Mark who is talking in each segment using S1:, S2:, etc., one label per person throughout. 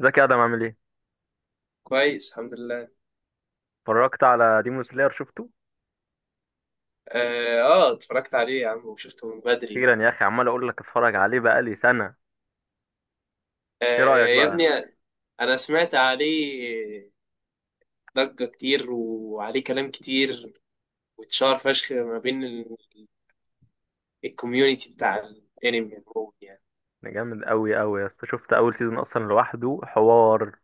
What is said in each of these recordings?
S1: ازيك يا ادم، عامل ايه؟
S2: كويس، الحمد لله.
S1: اتفرجت على ديمون سلاير؟ شفته؟
S2: اه، اتفرجت عليه يا عم وشفته من بدري.
S1: اخيرا يا اخي، عمال اقول لك اتفرج عليه بقالي سنه.
S2: آه.
S1: ايه رايك
S2: يا
S1: بقى؟
S2: ابني، انا سمعت عليه ضجة كتير وعليه كلام كتير، واتشهر فشخ ما بين الكوميونتي بتاع الانمي عموما يعني.
S1: ده جامد قوي قوي يا اسطى، شفت اول سيزون اصلا لوحده حوار،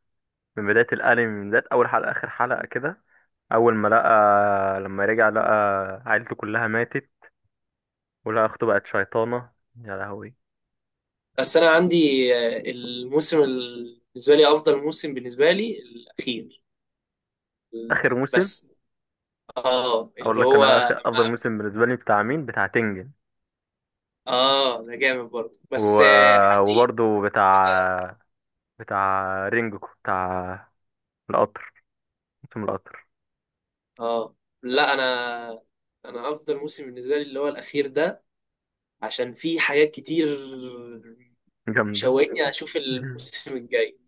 S1: من بدايه الانمي، من بدايه اول حلقه اخر حلقه كده. اول ما لقى، لما رجع لقى عيلته كلها ماتت، ولقى اخته بقت شيطانه. يا لهوي.
S2: بس انا عندي، الموسم بالنسبة لي افضل موسم بالنسبة لي الاخير.
S1: اخر موسم.
S2: بس اه
S1: اقول
S2: اللي
S1: لك
S2: هو
S1: انا اخر
S2: لما،
S1: افضل موسم بالنسبه لي بتاع مين؟ بتاع تنجن.
S2: اه ده جامد برضه،
S1: و...
S2: بس حزين.
S1: وبرضه بتاع رينجوكو، بتاع القطر، موسم القطر.
S2: اه، لا انا افضل موسم بالنسبه لي اللي هو الاخير ده، عشان فيه حاجات كتير
S1: جامدة.
S2: شوقتني اشوف
S1: مهم.
S2: الموسم الجاي.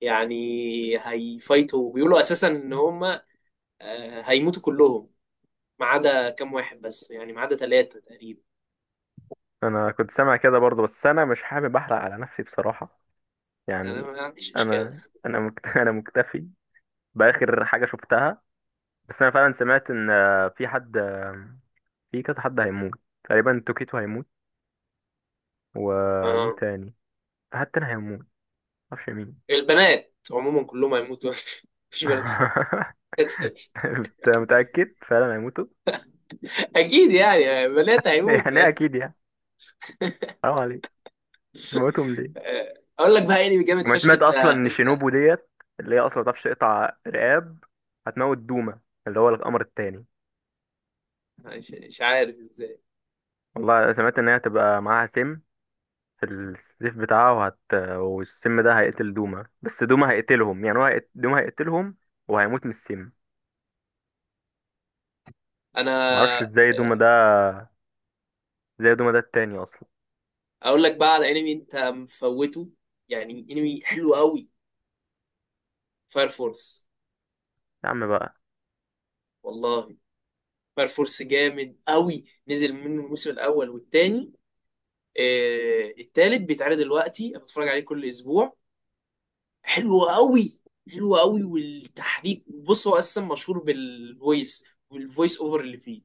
S2: يعني هيفايتوا، بيقولوا اساسا ان هم هيموتوا كلهم ما عدا كام واحد، بس يعني ما عدا ثلاثه تقريبا.
S1: انا كنت سامع كده برضه، بس انا مش حابب احرق على نفسي بصراحه.
S2: انا
S1: يعني
S2: ما عنديش اشكال.
S1: انا انا مكتفي باخر حاجه شفتها. بس انا فعلا سمعت ان في حد في كذا حد هيموت، تقريبا توكيتو هيموت. ومين
S2: اه،
S1: تاني؟ في حد تاني هيموت، معرفش مين.
S2: البنات عموما كلهم هيموتوا. مفيش بنات.
S1: انت متاكد فعلا هيموتوا؟
S2: اكيد، يعني بنات هيموتوا.
S1: يعني إيه اكيد يعني؟ حرام عليك، موتهم ليه؟
S2: اقول لك بقى انمي جامد
S1: وما
S2: فشخ
S1: سمعت
S2: انت
S1: اصلا ان
S2: انت
S1: شينوبو ديت، اللي هي اصلا ما بتعرفش تقطع رقاب، هتموت دوما اللي هو القمر التاني.
S2: مش عارف ازاي.
S1: والله سمعت ان هي هتبقى معاها سم في السيف بتاعها، والسم ده هيقتل دوما. بس دوما هيقتلهم، يعني هو دوما هيقتلهم وهيموت من السم.
S2: انا،
S1: معرفش
S2: آه،
S1: ازاي دوما ده التاني اصلا.
S2: اقول لك بقى على انمي انت مفوته، يعني انمي حلو قوي، فاير فورس.
S1: يا عم بقى.
S2: والله، فاير فورس جامد قوي، نزل منه الموسم الاول والتاني. التالت بيتعرض دلوقتي، انا بتفرج عليه كل اسبوع. حلو قوي. حلو قوي، والتحريك، بص هو اصلا مشهور بالفويس والفويس اوفر اللي فيه.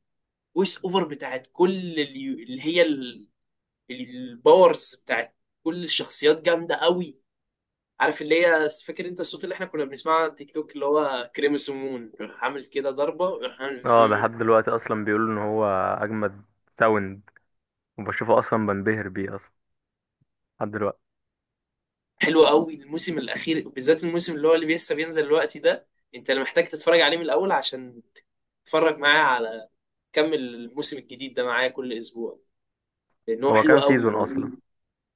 S2: فويس اوفر بتاعت كل اللي هي الباورز بتاعت كل الشخصيات جامده قوي. عارف اللي هي، فاكر انت الصوت اللي احنا كنا بنسمعه على تيك توك، اللي هو كريمسمون راح عامل كده ضربه وراح عامل
S1: اه ده
S2: فم.
S1: لحد دلوقتي اصلا بيقولوا ان هو اجمد ساوند، وبشوفه اصلا بنبهر بيه اصلا لحد دلوقتي.
S2: حلو قوي الموسم الاخير بالذات، الموسم اللي هو اللي لسه بينزل دلوقتي ده، انت اللي محتاج تتفرج عليه من الاول عشان تتفرج معاه على، كمل الموسم الجديد ده معايا كل اسبوع، لان هو
S1: هو
S2: حلو
S1: كام
S2: قوي.
S1: سيزون اصلا؟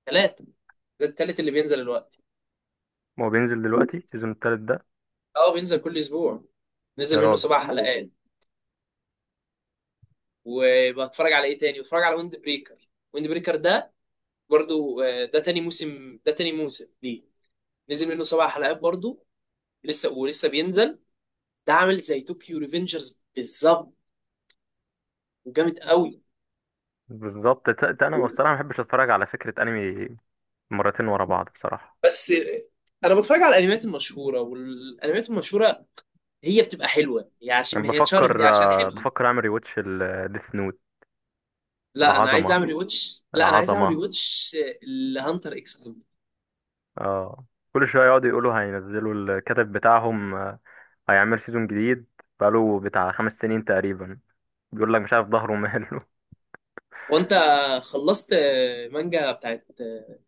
S2: ثلاثه. ده التالت اللي بينزل دلوقتي.
S1: هو بينزل دلوقتي السيزون التالت ده؟
S2: اه بينزل كل اسبوع،
S1: يا
S2: نزل منه
S1: راجل.
S2: سبع حلقات. وبتفرج على ايه تاني؟ بتفرج على ويند بريكر. ويند بريكر ده برضو ده تاني موسم، ده تاني موسم ليه، نزل منه سبع حلقات برضو. لسه ولسه بينزل. ده عامل زي طوكيو ريفنجرز بالظبط، وجامد قوي.
S1: بالظبط. انا بصراحه ما بحبش اتفرج على فكره انمي مرتين ورا بعض بصراحه.
S2: بس انا بتفرج على الانميات المشهوره، والانميات المشهوره هي بتبقى حلوه، هي
S1: انا
S2: عشان هي اتشهرت ليه؟
S1: بفكر
S2: عشان حلوه.
S1: بفكر اعمل ريواتش الديث نوت.
S2: لا انا عايز
S1: العظمه،
S2: اعمل ريواتش. لا انا عايز اعمل
S1: العظمه.
S2: ريواتش لهانتر اكس هانتر.
S1: اه، كل شويه يقعدوا يقولوا هينزلوا الكاتب بتاعهم هيعمل سيزون جديد، بقاله بتاع خمس سنين تقريبا، بيقول لك مش عارف ظهره ماله.
S2: وانت خلصت مانجا بتاعت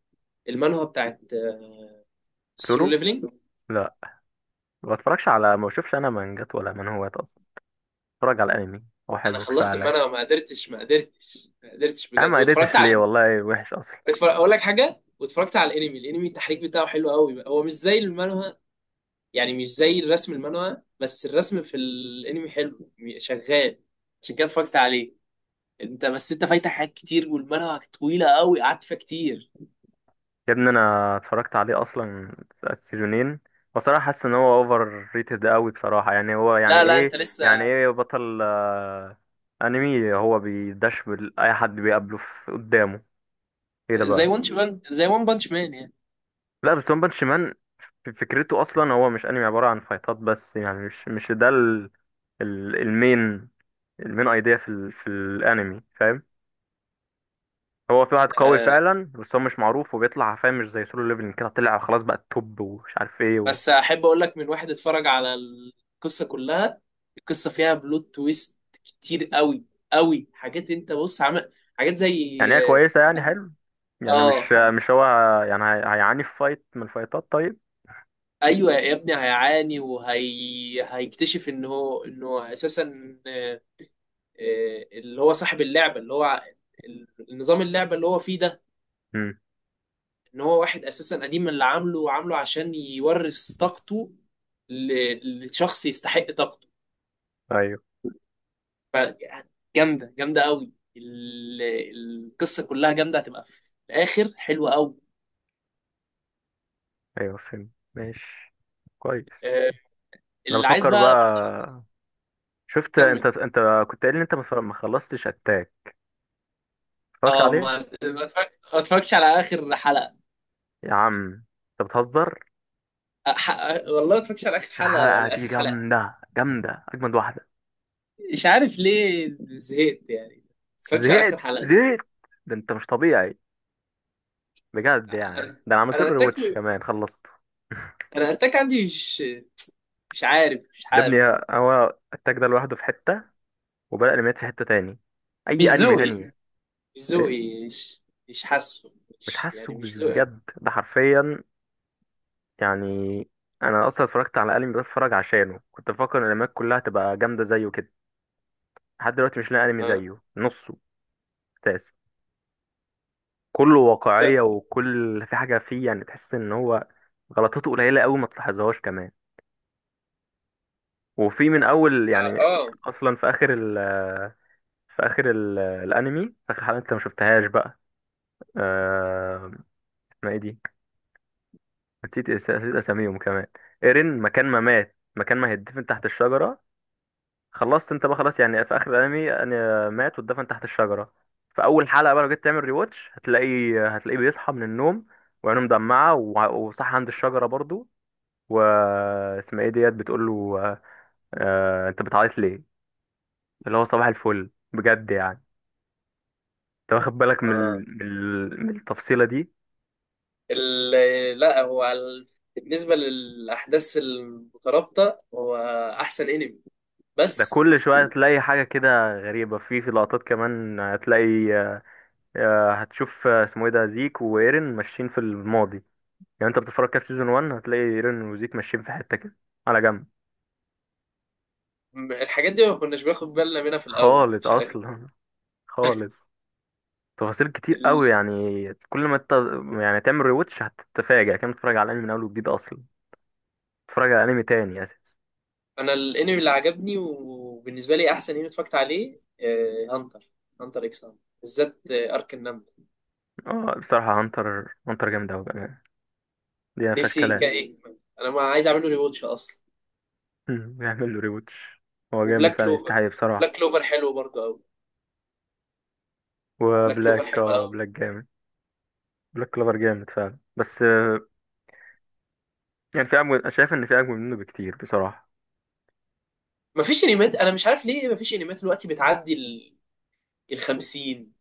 S2: المانهوا بتاعت السولو
S1: سولو.
S2: ليفلينج؟
S1: لا، ما بتفرجش على، ما بشوفش انا مانجات ولا منهوات اصلا، بتفرج على الانمي، هو
S2: انا
S1: حلو كفايه
S2: خلصت
S1: عليا.
S2: المانهوا، ما قدرتش، ما قدرتش، ما قدرتش
S1: يا عم
S2: بجد،
S1: ما
S2: واتفرجت
S1: قدرتش ليه،
S2: على،
S1: والله وحش اصلا.
S2: اتفرج اقول لك حاجه، واتفرجت على الانمي التحريك بتاعه حلو قوي، هو مش زي المانهوا. يعني مش زي الرسم المانهوا، بس الرسم في الانمي حلو، شغال، عشان كده اتفرجت عليه. انت بس، انت فايتك حاجات كتير، والمانهوا طويله قوي قعدت فيها كتير.
S1: يا ابني انا اتفرجت عليه اصلا السيزونين، بصراحه حاسس ان هو اوفر ريتد قوي بصراحه، يعني هو يعني
S2: لا لا
S1: ايه؟
S2: انت
S1: يعني
S2: لسه،
S1: ايه بطل انمي هو بيدش اي حد بيقابله في قدامه؟ ايه ده
S2: زي
S1: بقى؟
S2: وان بانش مان يعني.
S1: لا بس ون بانش مان. فكرته اصلا هو مش انمي عباره عن فايتات بس، يعني مش ده المين، المين ايديا في ال في الانمي، فاهم؟ هو في واحد قوي
S2: آه،
S1: فعلا بس هو مش معروف وبيطلع، فاهم؟ مش زي سولو ليفلنج كده طلع خلاص بقى التوب ومش عارف ايه.
S2: بس احب اقول لك من واحد اتفرج على القصه كلها. القصه فيها بلوت تويست كتير قوي، قوي، حاجات. انت بص، عمل حاجات زي،
S1: يعني هي كويسة، يعني حلو،
S2: اه
S1: يعني مش،
S2: آه،
S1: مش هو، يعني هي، هيعاني في فايت من الفايتات طيب.
S2: ايوه يا ابني هيعاني، وهي هيكتشف ان هو، انه اساسا، اللي هو صاحب اللعبه، اللي هو النظام اللعبه اللي هو فيه ده،
S1: امم.
S2: ان هو واحد اساسا قديم اللي عامله، وعامله عشان يورث طاقته لشخص يستحق طاقته.
S1: ايوه.
S2: يعني جامده، جامده قوي، القصه كلها جامده، هتبقى في الاخر حلوه قوي.
S1: ايوه فهمت، ماشي، كويس.
S2: آه،
S1: انا
S2: اللي عايز
S1: بفكر
S2: بقى برضه.
S1: بقى. شفت انت،
S2: كمل.
S1: انت كنت قايل ان انت ما خلصتش اتاك، اتفرجت
S2: اه
S1: عليه؟
S2: ما ما اتفرج- ما اتفرجتش على اخر حلقه.
S1: يا عم انت بتهزر.
S2: أح... والله ما اتفرجتش على اخر حلقه
S1: الحلقة
S2: ولا
S1: دي
S2: اخر حلقه.
S1: جامدة، جامدة، اجمد واحدة.
S2: مش عارف ليه زهقت يعني، ما اتفرجتش على
S1: زهقت،
S2: اخر حلقه دي.
S1: زهقت. ده انت مش طبيعي بجد، يعني
S2: انا
S1: ده انا عملت له
S2: انا اتاك،
S1: ريواتش كمان، خلصته.
S2: انا اتاك عندي، مش عارف،
S1: يا ابني، هو التاج ده لوحده في حتة، وبدأ الانميات في حتة تاني.
S2: مش
S1: اي انمي
S2: ذوقي،
S1: تاني؟
S2: مش
S1: ايه؟
S2: ذوقي مش مش حاسه،
S1: مش
S2: مش،
S1: حاسه
S2: يعني مش ذوقي.
S1: بجد، ده حرفيا يعني. انا اصلا اتفرجت على انمي بتفرج عشانه، كنت بفكر ان الانميات كلها تبقى جامده زيه كده. لحد دلوقتي مش لاقي انمي
S2: آه.
S1: زيه نصه. اساس، كله
S2: لا.
S1: واقعيه، وكل في حاجه فيه يعني تحس ان هو غلطاته قليله قوي، ما تلاحظهاش كمان، وفي من اول
S2: اه،
S1: يعني.
S2: آه.
S1: اصلا في اخر ال الانمي في اخر حلقه، انت ما شفتهاش بقى؟ آه... ما ايه دي؟ نسيت نسيت اساميهم كمان. ايرين مكان ما مات، مكان ما هيدفن تحت الشجره. خلصت انت بقى، خلاص. يعني في اخر الانمي انا مات واتدفن تحت الشجره. في اول حلقه بقى، لو جيت تعمل ريواتش هتلاقي، هتلاقيه بيصحى من النوم وعينه مدمعه وصح عند الشجره برضو، و اسمها ايه، ديت بتقول له انت بتعيط ليه؟ اللي هو صباح الفل بجد يعني. انت واخد بالك من
S2: آه.
S1: من التفصيله دي؟
S2: ال... لا هو ال... بالنسبه للاحداث المترابطه، هو احسن انمي.
S1: ده
S2: بس
S1: كل شويه تلاقي حاجه كده غريبه في، في لقطات كمان هتلاقي هتشوف اسمه ايه ده، زيك وايرين ماشيين في الماضي. يعني انت بتتفرج كده في سيزون 1، هتلاقي رينو وزيك ماشيين في حتة كده على جنب.
S2: الحاجات دي ما كناش بناخد بالنا منها في الاول،
S1: خالص
S2: مش
S1: اصلا. خالص. تفاصيل كتير قوي
S2: عارف.
S1: يعني. كل ما انت يعني تعمل ريوتش هتتفاجئ، كان بتتفرج على الانمي من اول وجديد اصلا، بتتفرج على انمي تاني اساسا.
S2: انا الانمي اللي عجبني، وبالنسبه لي احسن انمي اتفرجت عليه هانتر، هانتر اكس هانتر، بالذات ارك النمل.
S1: اه بصراحة هانتر هانتر جامد قوي بأمانة، دي ما فيهاش
S2: نفسي كا
S1: كلام.
S2: يكمل، انا ما عايز اعمله ريواتش اصلا.
S1: بيعمل له ريوتش. هو جامد
S2: وبلاك
S1: فعلا يستحق
S2: كلوفر،
S1: بصراحة.
S2: بلاك كلوفر حلو برضه قوي. بلاك كلوفر
S1: وبلاك،
S2: حلو
S1: اه
S2: قوي.
S1: بلاك جامد. بلاك كلوفر جامد فعلا، بس يعني في اجمل، أنا شايف ان في اجمل منه بكتير بصراحة.
S2: مفيش انميات، انا مش عارف ليه مفيش انميات دلوقتي بتعدي ال 50،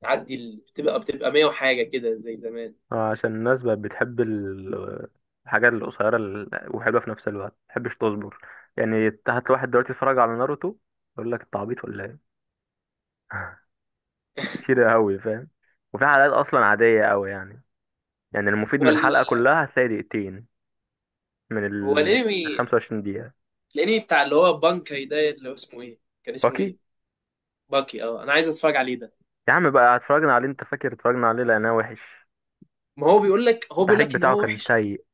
S2: بتعدي ال... بتبقى 100 وحاجه كده زي زمان.
S1: عشان الناس بقت بتحب الحاجات القصيرة وحلوة في نفس الوقت، متحبش تصبر. يعني تحت واحد دلوقتي يتفرج على ناروتو، يقول لك انت عبيط ولا ايه. كتير قوي، فاهم؟ وفي حلقات اصلا عادية قوي يعني، يعني المفيد
S2: هو
S1: من
S2: ال...
S1: الحلقة كلها هتلاقي دقيقتين من
S2: هو
S1: ال
S2: الانمي،
S1: 25 دقيقة.
S2: الانمي بتاع اللي هو بانكاي ده، اللي هو اسمه ايه، كان اسمه
S1: اوكي.
S2: ايه، باكي، اه انا عايز اتفرج عليه ده.
S1: يا عم بقى اتفرجنا عليه، انت فاكر اتفرجنا عليه لانه وحش،
S2: ما هو بيقول لك، هو بيقول
S1: التحريك
S2: لك ان
S1: بتاعه
S2: هو
S1: كان
S2: وحش.
S1: سيء.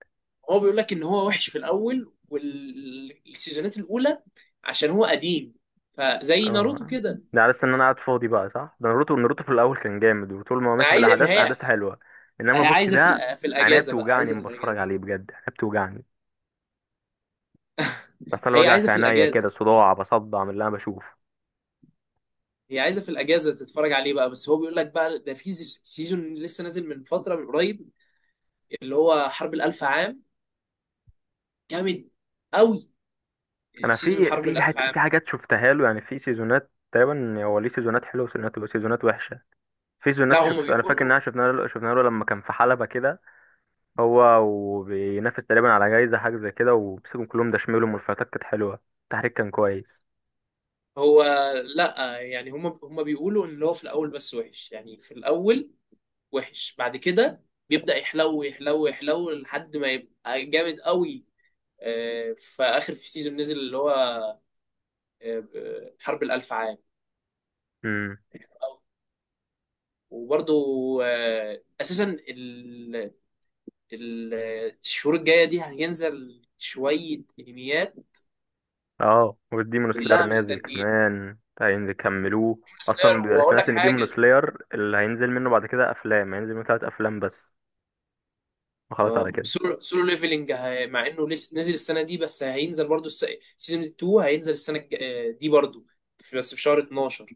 S2: هو بيقول لك ان هو وحش في الاول والسيزونات الاولى عشان هو قديم، فزي ناروتو
S1: اه
S2: كده.
S1: ده على أساس ان انا قاعد فاضي بقى، صح؟ ده ناروتو، ناروتو في الاول كان جامد، وطول ما هو
S2: ما
S1: ماشي في
S2: عايز، ما
S1: الاحداث،
S2: هي،
S1: احداث حلوه، انما
S2: هي
S1: بوكي
S2: عايزه في
S1: ده
S2: في
S1: عينيا
S2: الاجازه بقى،
S1: بتوجعني
S2: عايزه في
S1: لما بتفرج
S2: الاجازه.
S1: عليه بجد، عينيا بتوجعني، بحصل لي
S2: هي
S1: وجع
S2: عايزه
S1: في
S2: في
S1: عينيا
S2: الاجازه.
S1: كده، صداع بصدع من اللي انا بشوفه.
S2: هي عايزه في الاجازه تتفرج عليه بقى. بس هو بيقول لك بقى ده في سيزون لسه نازل من فتره من قريب، اللي هو حرب الالف عام، جامد قوي.
S1: انا
S2: سيزون
S1: في
S2: الحرب الالف عام.
S1: في حاجات شفتها له، يعني في سيزونات تقريبا، هو ليه سيزونات حلوه وسيزونات، سيزونات وحشه. في
S2: لا
S1: سيزونات
S2: هم
S1: انا فاكر ان
S2: بيقولوا،
S1: احنا شفنا له، شفنا له لما كان في حلبه كده، هو وبينافس تقريبا على جايزه حاجه زي كده، وبيسيبهم كلهم دشملهم، والفايتات كانت حلوه، التحريك كان كويس.
S2: هو، لا يعني هم بيقولوا ان هو في الاول بس وحش، يعني في الاول وحش، بعد كده بيبدأ يحلو، يحلو، يحلو لحد ما يبقى جامد قوي. في آخر، في سيزون نزل اللي هو حرب الألف عام.
S1: امم.
S2: وبرضو أساسا ال- الشهور الجاية دي هينزل شوية أنميات،
S1: اه والديمون سلاير
S2: كلها
S1: نازل
S2: مستنية،
S1: كمان هيكملوه.
S2: سلاير،
S1: اصلا بيبقى،
S2: وأقول
S1: سمعت
S2: لك
S1: ان ديمون
S2: حاجة.
S1: سلاير اللي هينزل منه بعد كده افلام، هينزل منه ثلاث افلام بس وخلاص على
S2: اه
S1: كده.
S2: وسولو، سولو ليفلنج مع انه لسه نزل السنه دي، بس هينزل برضو سيزون 2 هينزل السنه دي برضو، بس في شهر 12.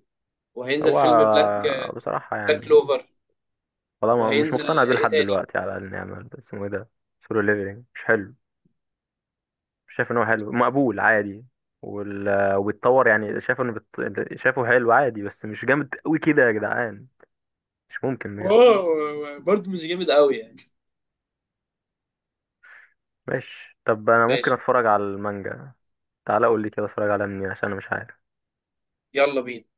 S2: وهينزل فيلم بلاك،
S1: هو بصراحة
S2: بلاك
S1: يعني
S2: كلوفر.
S1: والله مش
S2: وهينزل
S1: مقتنع بيه
S2: ايه
S1: لحد
S2: تاني؟
S1: دلوقتي، على الاقل نعمل اسمه ايه ده، سولو ليفلنج مش حلو، مش شايف ان هو حلو، مقبول عادي، وبيتطور، يعني شايف شايفه حلو عادي بس مش جامد قوي كده يا جدعان. مش ممكن بجد.
S2: واو برضه مش جامد قوي يعني.
S1: ماشي طب انا ممكن
S2: ماشي.
S1: اتفرج على المانجا. تعالى قول لي كده، اتفرج على منين عشان انا مش عارف.
S2: يلا بينا.